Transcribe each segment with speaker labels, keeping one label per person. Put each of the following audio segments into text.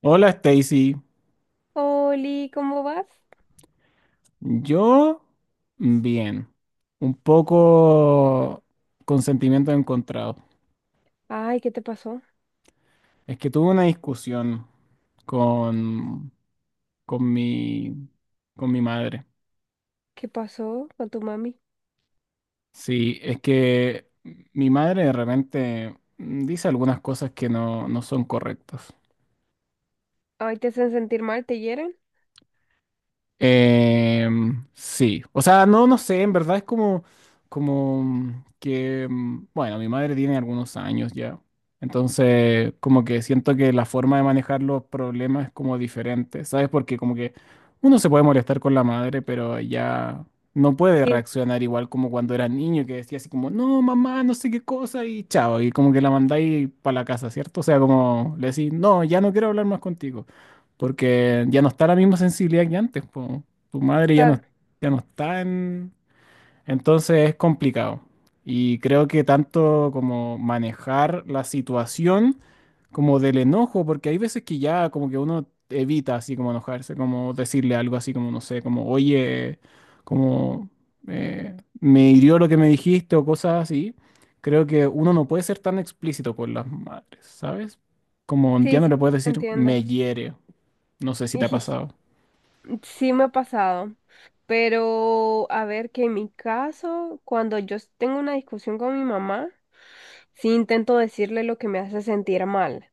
Speaker 1: Hola Stacy,
Speaker 2: Oli, ¿cómo vas?
Speaker 1: yo bien, un poco con sentimientos encontrados.
Speaker 2: Ay, ¿qué te pasó?
Speaker 1: Es que tuve una discusión con, con mi, con mi madre.
Speaker 2: ¿Qué pasó con tu mami?
Speaker 1: Sí, es que mi madre de repente dice algunas cosas que no son correctas.
Speaker 2: Ay, ¿te hacen sentir mal? ¿Te hieren?
Speaker 1: Sí, o sea, no, no sé, en verdad es como, bueno, mi madre tiene algunos años ya, entonces como que siento que la forma de manejar los problemas es como diferente, ¿sabes? Porque como que uno se puede molestar con la madre, pero ya no puede
Speaker 2: Sí,
Speaker 1: reaccionar igual como cuando era niño, que decía así como, no, mamá, no sé qué cosa, y chao, y como que la mandáis para la casa, ¿cierto? O sea, como le decís, no, ya no quiero hablar más contigo. Porque ya no está la misma sensibilidad que antes, po. Tu madre ya no,
Speaker 2: claro.
Speaker 1: ya no está en... Entonces es complicado. Y creo que tanto como manejar la situación como del enojo, porque hay veces que ya como que uno evita así como enojarse, como decirle algo así como, no sé, como, oye, como eh, me hirió lo que me dijiste o cosas así. Creo que uno no puede ser tan explícito con las madres, ¿sabes? Como ya
Speaker 2: Sí,
Speaker 1: no
Speaker 2: sí,
Speaker 1: le puedes decir
Speaker 2: entiendo.
Speaker 1: me hiere no sé si te ha pasado.
Speaker 2: Sí me ha pasado. Pero a ver, que en mi caso, cuando tengo una discusión con mi mamá, sí intento decirle lo que me hace sentir mal.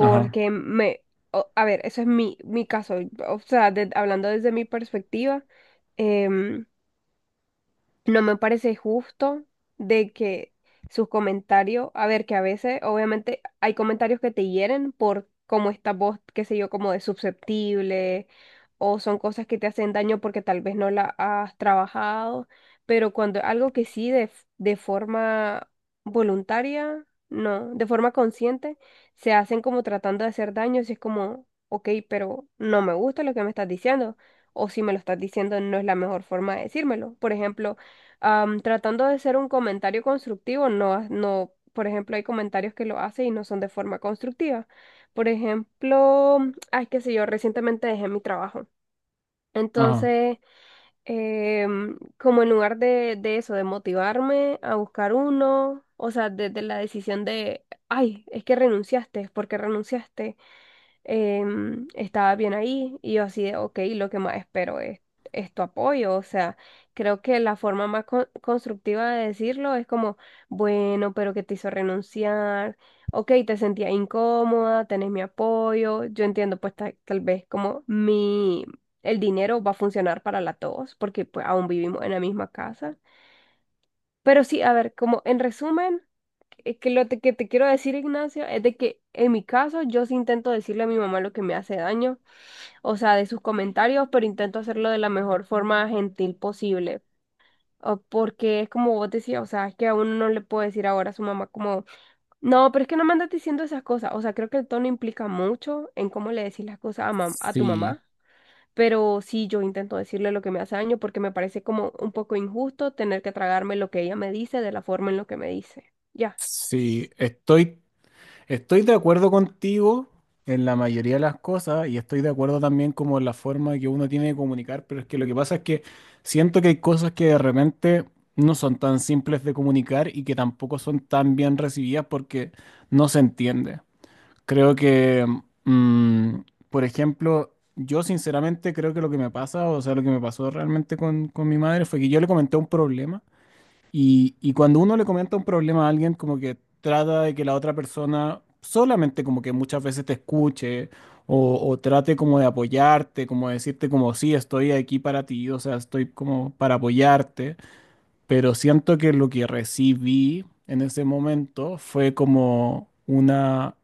Speaker 1: Ajá,
Speaker 2: me... a ver, eso es mi caso. O sea, hablando desde mi perspectiva. em, No me parece justo de que sus comentarios, a ver, que a veces obviamente hay comentarios que te hieren por cómo estás vos, qué sé yo, como de susceptible, o son cosas que te hacen daño porque tal vez no la has trabajado, pero cuando algo que sí de forma voluntaria, no, de forma consciente, se hacen como tratando de hacer daño, si es como, ok, pero no me gusta lo que me estás diciendo, o si me lo estás diciendo no es la mejor forma de decírmelo. Por ejemplo, tratando de ser un comentario constructivo, no, no, por ejemplo, hay comentarios que lo hacen y no son de forma constructiva. Por ejemplo, ay, qué sé yo, recientemente dejé mi trabajo.
Speaker 1: ajá.
Speaker 2: Entonces, como en lugar de, eso, de motivarme a buscar uno, o sea, desde la decisión de, ay, es que renunciaste, ¿por qué renunciaste? Estaba bien ahí y yo así de, ok, lo que más espero es tu apoyo. O sea, creo que la forma más constructiva de decirlo es como, bueno, pero que te hizo renunciar, ok, te sentía incómoda, tenés mi apoyo, yo entiendo pues tal vez como mi, el dinero va a funcionar para la tos porque pues aún vivimos en la misma casa. Pero sí, a ver, como en resumen, que que te quiero decir, Ignacio, es de que en mi caso yo sí intento decirle a mi mamá lo que me hace daño, o sea, de sus comentarios, pero intento hacerlo de la mejor forma gentil posible. O porque es como vos decías, o sea, es que a uno no le puede decir ahora a su mamá como, no, pero es que no me andas diciendo esas cosas. O sea, creo que el tono implica mucho en cómo le decís las cosas a tu
Speaker 1: Sí,
Speaker 2: mamá. Pero sí, yo intento decirle lo que me hace daño porque me parece como un poco injusto tener que tragarme lo que ella me dice de la forma en lo que me dice. Ya.
Speaker 1: sí, estoy de acuerdo contigo en la mayoría de las cosas y estoy de acuerdo también como en la forma que uno tiene de comunicar, pero es que lo que pasa es que siento que hay cosas que de repente no son tan simples de comunicar y que tampoco son tan bien recibidas porque no se entiende. Creo que, mm, por ejemplo, yo sinceramente creo que lo que me pasa, o sea, lo que me pasó realmente con mi madre fue que yo le comenté un problema. Y cuando uno le comenta un problema a alguien, como que trata de que la otra persona solamente como que muchas veces te escuche o trate como de apoyarte, como de decirte como sí, estoy aquí para ti, o sea, estoy como para apoyarte, pero siento que lo que recibí en ese momento fue como una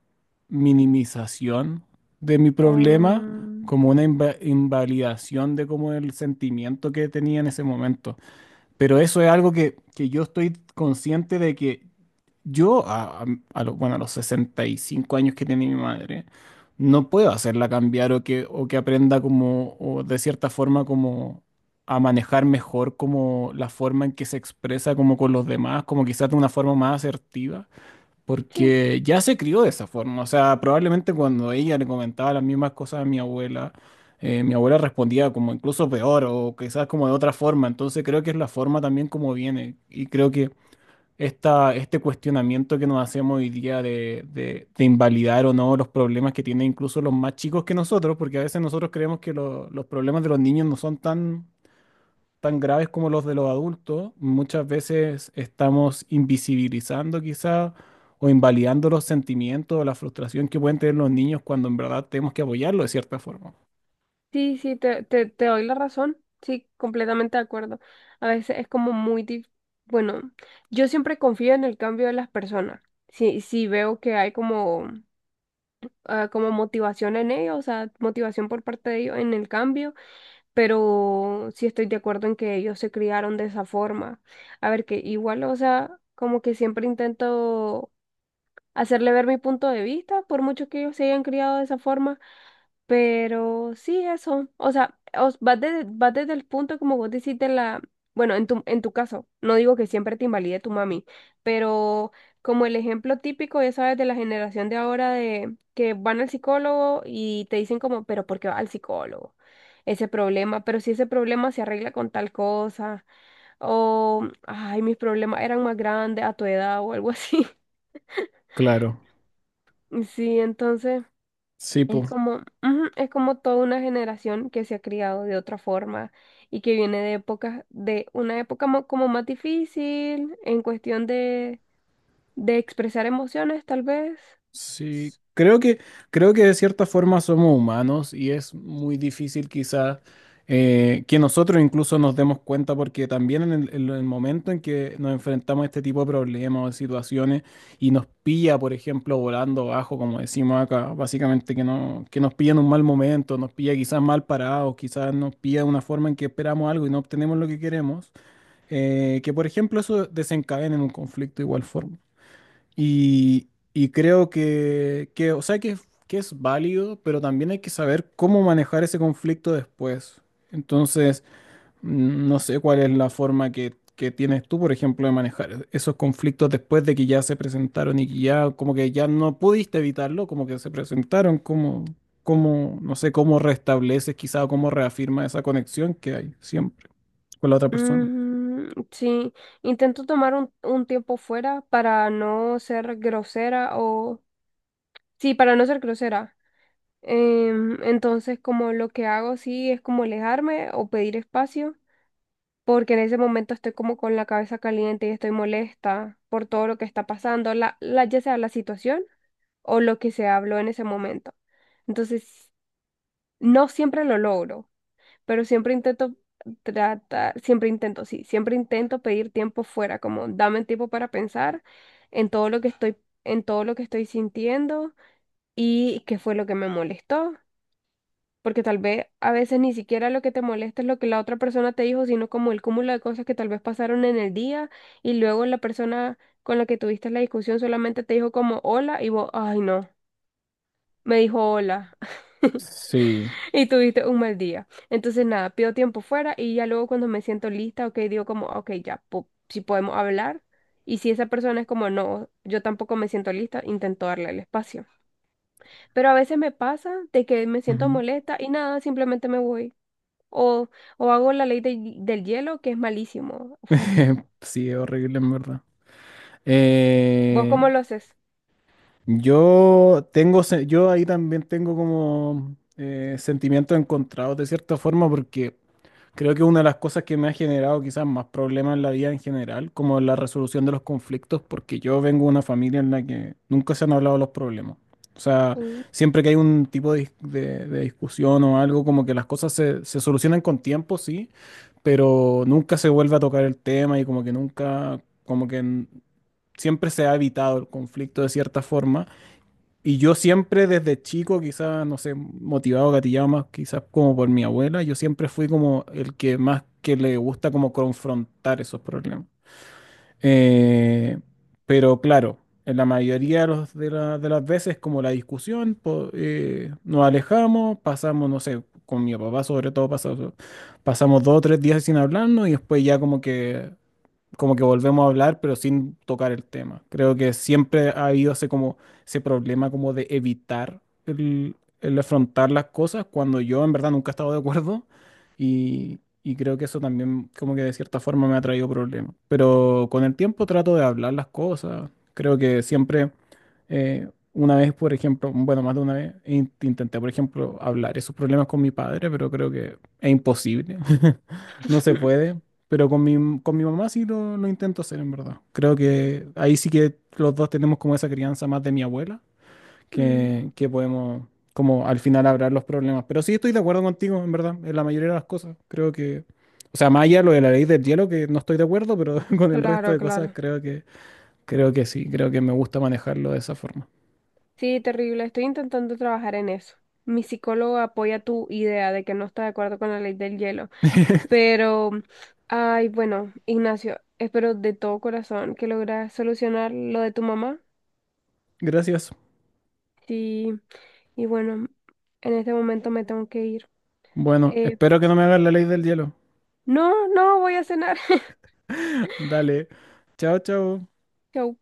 Speaker 1: minimización de mi problema,
Speaker 2: Um,
Speaker 1: como una invalidación de como el sentimiento que tenía en ese momento. Pero eso es algo que yo estoy consciente de que yo, a los, bueno, a los 65 años que tiene mi madre, no puedo hacerla cambiar o que aprenda como, o de cierta forma como a manejar mejor como la forma en que se expresa como con los demás, como quizás de una forma más asertiva
Speaker 2: sí,
Speaker 1: porque ya se crió de esa forma. O sea, probablemente cuando ella le comentaba las mismas cosas a mi abuela respondía como incluso peor o quizás como de otra forma. Entonces creo que es la forma también como viene. Y creo que este cuestionamiento que nos hacemos hoy día de invalidar o no los problemas que tienen incluso los más chicos que nosotros, porque a veces nosotros creemos que los problemas de los niños no son tan graves como los de los adultos, muchas veces estamos invisibilizando quizá o invalidando los sentimientos o la frustración que pueden tener los niños cuando en verdad tenemos que apoyarlos de cierta forma.
Speaker 2: sí, sí, te doy la razón. Sí, completamente de acuerdo. A veces es como muy bueno, yo siempre confío en el cambio de las personas. Si veo que hay como, ah, como motivación en ellos, o sea, motivación por parte de ellos en el cambio. Pero sí estoy de acuerdo en que ellos se criaron de esa forma. A ver, que igual, o sea, como que siempre intento hacerle ver mi punto de vista, por mucho que ellos se hayan criado de esa forma. Pero sí, eso. O sea, vas desde el punto, como vos decís, de la. Bueno, en tu caso, no digo que siempre te invalide tu mami, pero como el ejemplo típico, ya sabes, de la generación de ahora de que van al psicólogo y te dicen como, pero ¿por qué va al psicólogo? Ese problema, pero si ese problema se arregla con tal cosa, o, ay, mis problemas eran más grandes a tu edad o algo así.
Speaker 1: Claro,
Speaker 2: Sí, entonces.
Speaker 1: sí,
Speaker 2: Es
Speaker 1: pues.
Speaker 2: como, ujú, es como toda una generación que se ha criado de otra forma y que viene de épocas, de una época como más difícil en cuestión de, expresar emociones, tal vez.
Speaker 1: Sí, creo que de cierta forma somos humanos y es muy difícil quizás que nosotros incluso nos demos cuenta porque también en en el momento en que nos enfrentamos a este tipo de problemas o de situaciones y nos pilla, por ejemplo, volando bajo, como decimos acá, básicamente que, no, que nos pilla en un mal momento, nos pilla quizás mal parados, quizás nos pilla de una forma en que esperamos algo y no obtenemos lo que queremos, que por ejemplo eso desencadena en un conflicto de igual forma. Y creo que, o sea, que es válido, pero también hay que saber cómo manejar ese conflicto después. Entonces, no sé cuál es la forma que tienes tú, por ejemplo, de manejar esos conflictos después de que ya se presentaron y que ya, como que ya no pudiste evitarlo, como que se presentaron, no sé, cómo restableces quizá o cómo reafirma esa conexión que hay siempre con la otra persona.
Speaker 2: Mm, sí, intento tomar un tiempo fuera para no ser grosera. Sí, para no ser grosera. Entonces, como lo que hago, sí, es como alejarme o pedir espacio. Porque en ese momento estoy como con la cabeza caliente y estoy molesta por todo lo que está pasando, ya sea la situación o lo que se habló en ese momento. Entonces, no siempre lo logro, pero siempre intento sí, siempre intento pedir tiempo fuera, como dame tiempo para pensar en todo lo que estoy, en todo lo que estoy sintiendo y qué fue lo que me molestó, porque tal vez a veces ni siquiera lo que te molesta es lo que la otra persona te dijo, sino como el cúmulo de cosas que tal vez pasaron en el día y luego la persona con la que tuviste la discusión solamente te dijo como hola y vos, ay no, me dijo hola
Speaker 1: Sí.
Speaker 2: y tuviste un mal día. Entonces nada, pido tiempo fuera y ya luego cuando me siento lista, ok, digo como, ok, ya, si podemos hablar. Y si esa persona es como, no, yo tampoco me siento lista, intento darle el espacio. Pero a veces me pasa de que me siento
Speaker 1: Ujú.
Speaker 2: molesta y nada, simplemente me voy. O, o hago la ley del hielo, que es malísimo.
Speaker 1: Sí, es horrible en verdad.
Speaker 2: ¿Vos cómo
Speaker 1: Eh,
Speaker 2: lo haces?
Speaker 1: yo ahí también tengo como sentimientos encontrados de cierta forma porque creo que una de las cosas que me ha generado quizás más problemas en la vida en general, como la resolución de los conflictos, porque yo vengo de una familia en la que nunca se han hablado los problemas. O sea,
Speaker 2: Mm,
Speaker 1: siempre que hay un tipo de discusión o algo, como que las cosas se solucionan con tiempo, sí, pero nunca se vuelve a tocar el tema y como que nunca, como que siempre se ha evitado el conflicto de cierta forma. Y yo siempre desde chico, quizás, no sé, motivado, gatillado más quizás como por mi abuela, yo siempre fui como el que más que le gusta como confrontar esos problemas. Eh, pero claro, en la mayoría de las veces como la discusión, nos alejamos, pasamos, no sé, con mi papá sobre todo, pasamos dos o tres días sin hablarnos y después ya como que volvemos a hablar, pero sin tocar el tema. Creo que siempre ha habido ese, como, ese problema como de evitar el afrontar las cosas cuando yo en verdad nunca he estado de acuerdo y creo que eso también como que de cierta forma me ha traído problemas. Pero con el tiempo trato de hablar las cosas. Eh, una vez, por ejemplo, bueno, más de una vez, intenté, por ejemplo, hablar esos problemas con mi padre, pero creo que es imposible. No se puede. Pero con mi mamá sí lo intento hacer, en verdad. Creo que ahí sí que los dos tenemos como esa crianza más de mi abuela,
Speaker 2: mm,
Speaker 1: que podemos como al final hablar los problemas. Pero sí estoy de acuerdo contigo, en verdad, en la mayoría de las cosas. Creo que, o sea, más allá de lo de la ley del hielo, que no estoy de acuerdo, pero con el resto
Speaker 2: claro,
Speaker 1: de
Speaker 2: claro.
Speaker 1: cosas creo que sí, creo que me gusta manejarlo de esa forma.
Speaker 2: Sí, terrible. Estoy intentando trabajar en eso. Mi psicólogo apoya tu idea de que no está de acuerdo con la ley del hielo. Pero, ay, bueno, Ignacio, espero de todo corazón que logres solucionar lo de tu mamá.
Speaker 1: Gracias.
Speaker 2: Sí, y bueno, en este momento me tengo que ir.
Speaker 1: Bueno,
Speaker 2: Eh,
Speaker 1: espero que no me hagas la ley del hielo.
Speaker 2: no, no, voy a cenar.
Speaker 1: Dale. Chao, chao.
Speaker 2: Chau.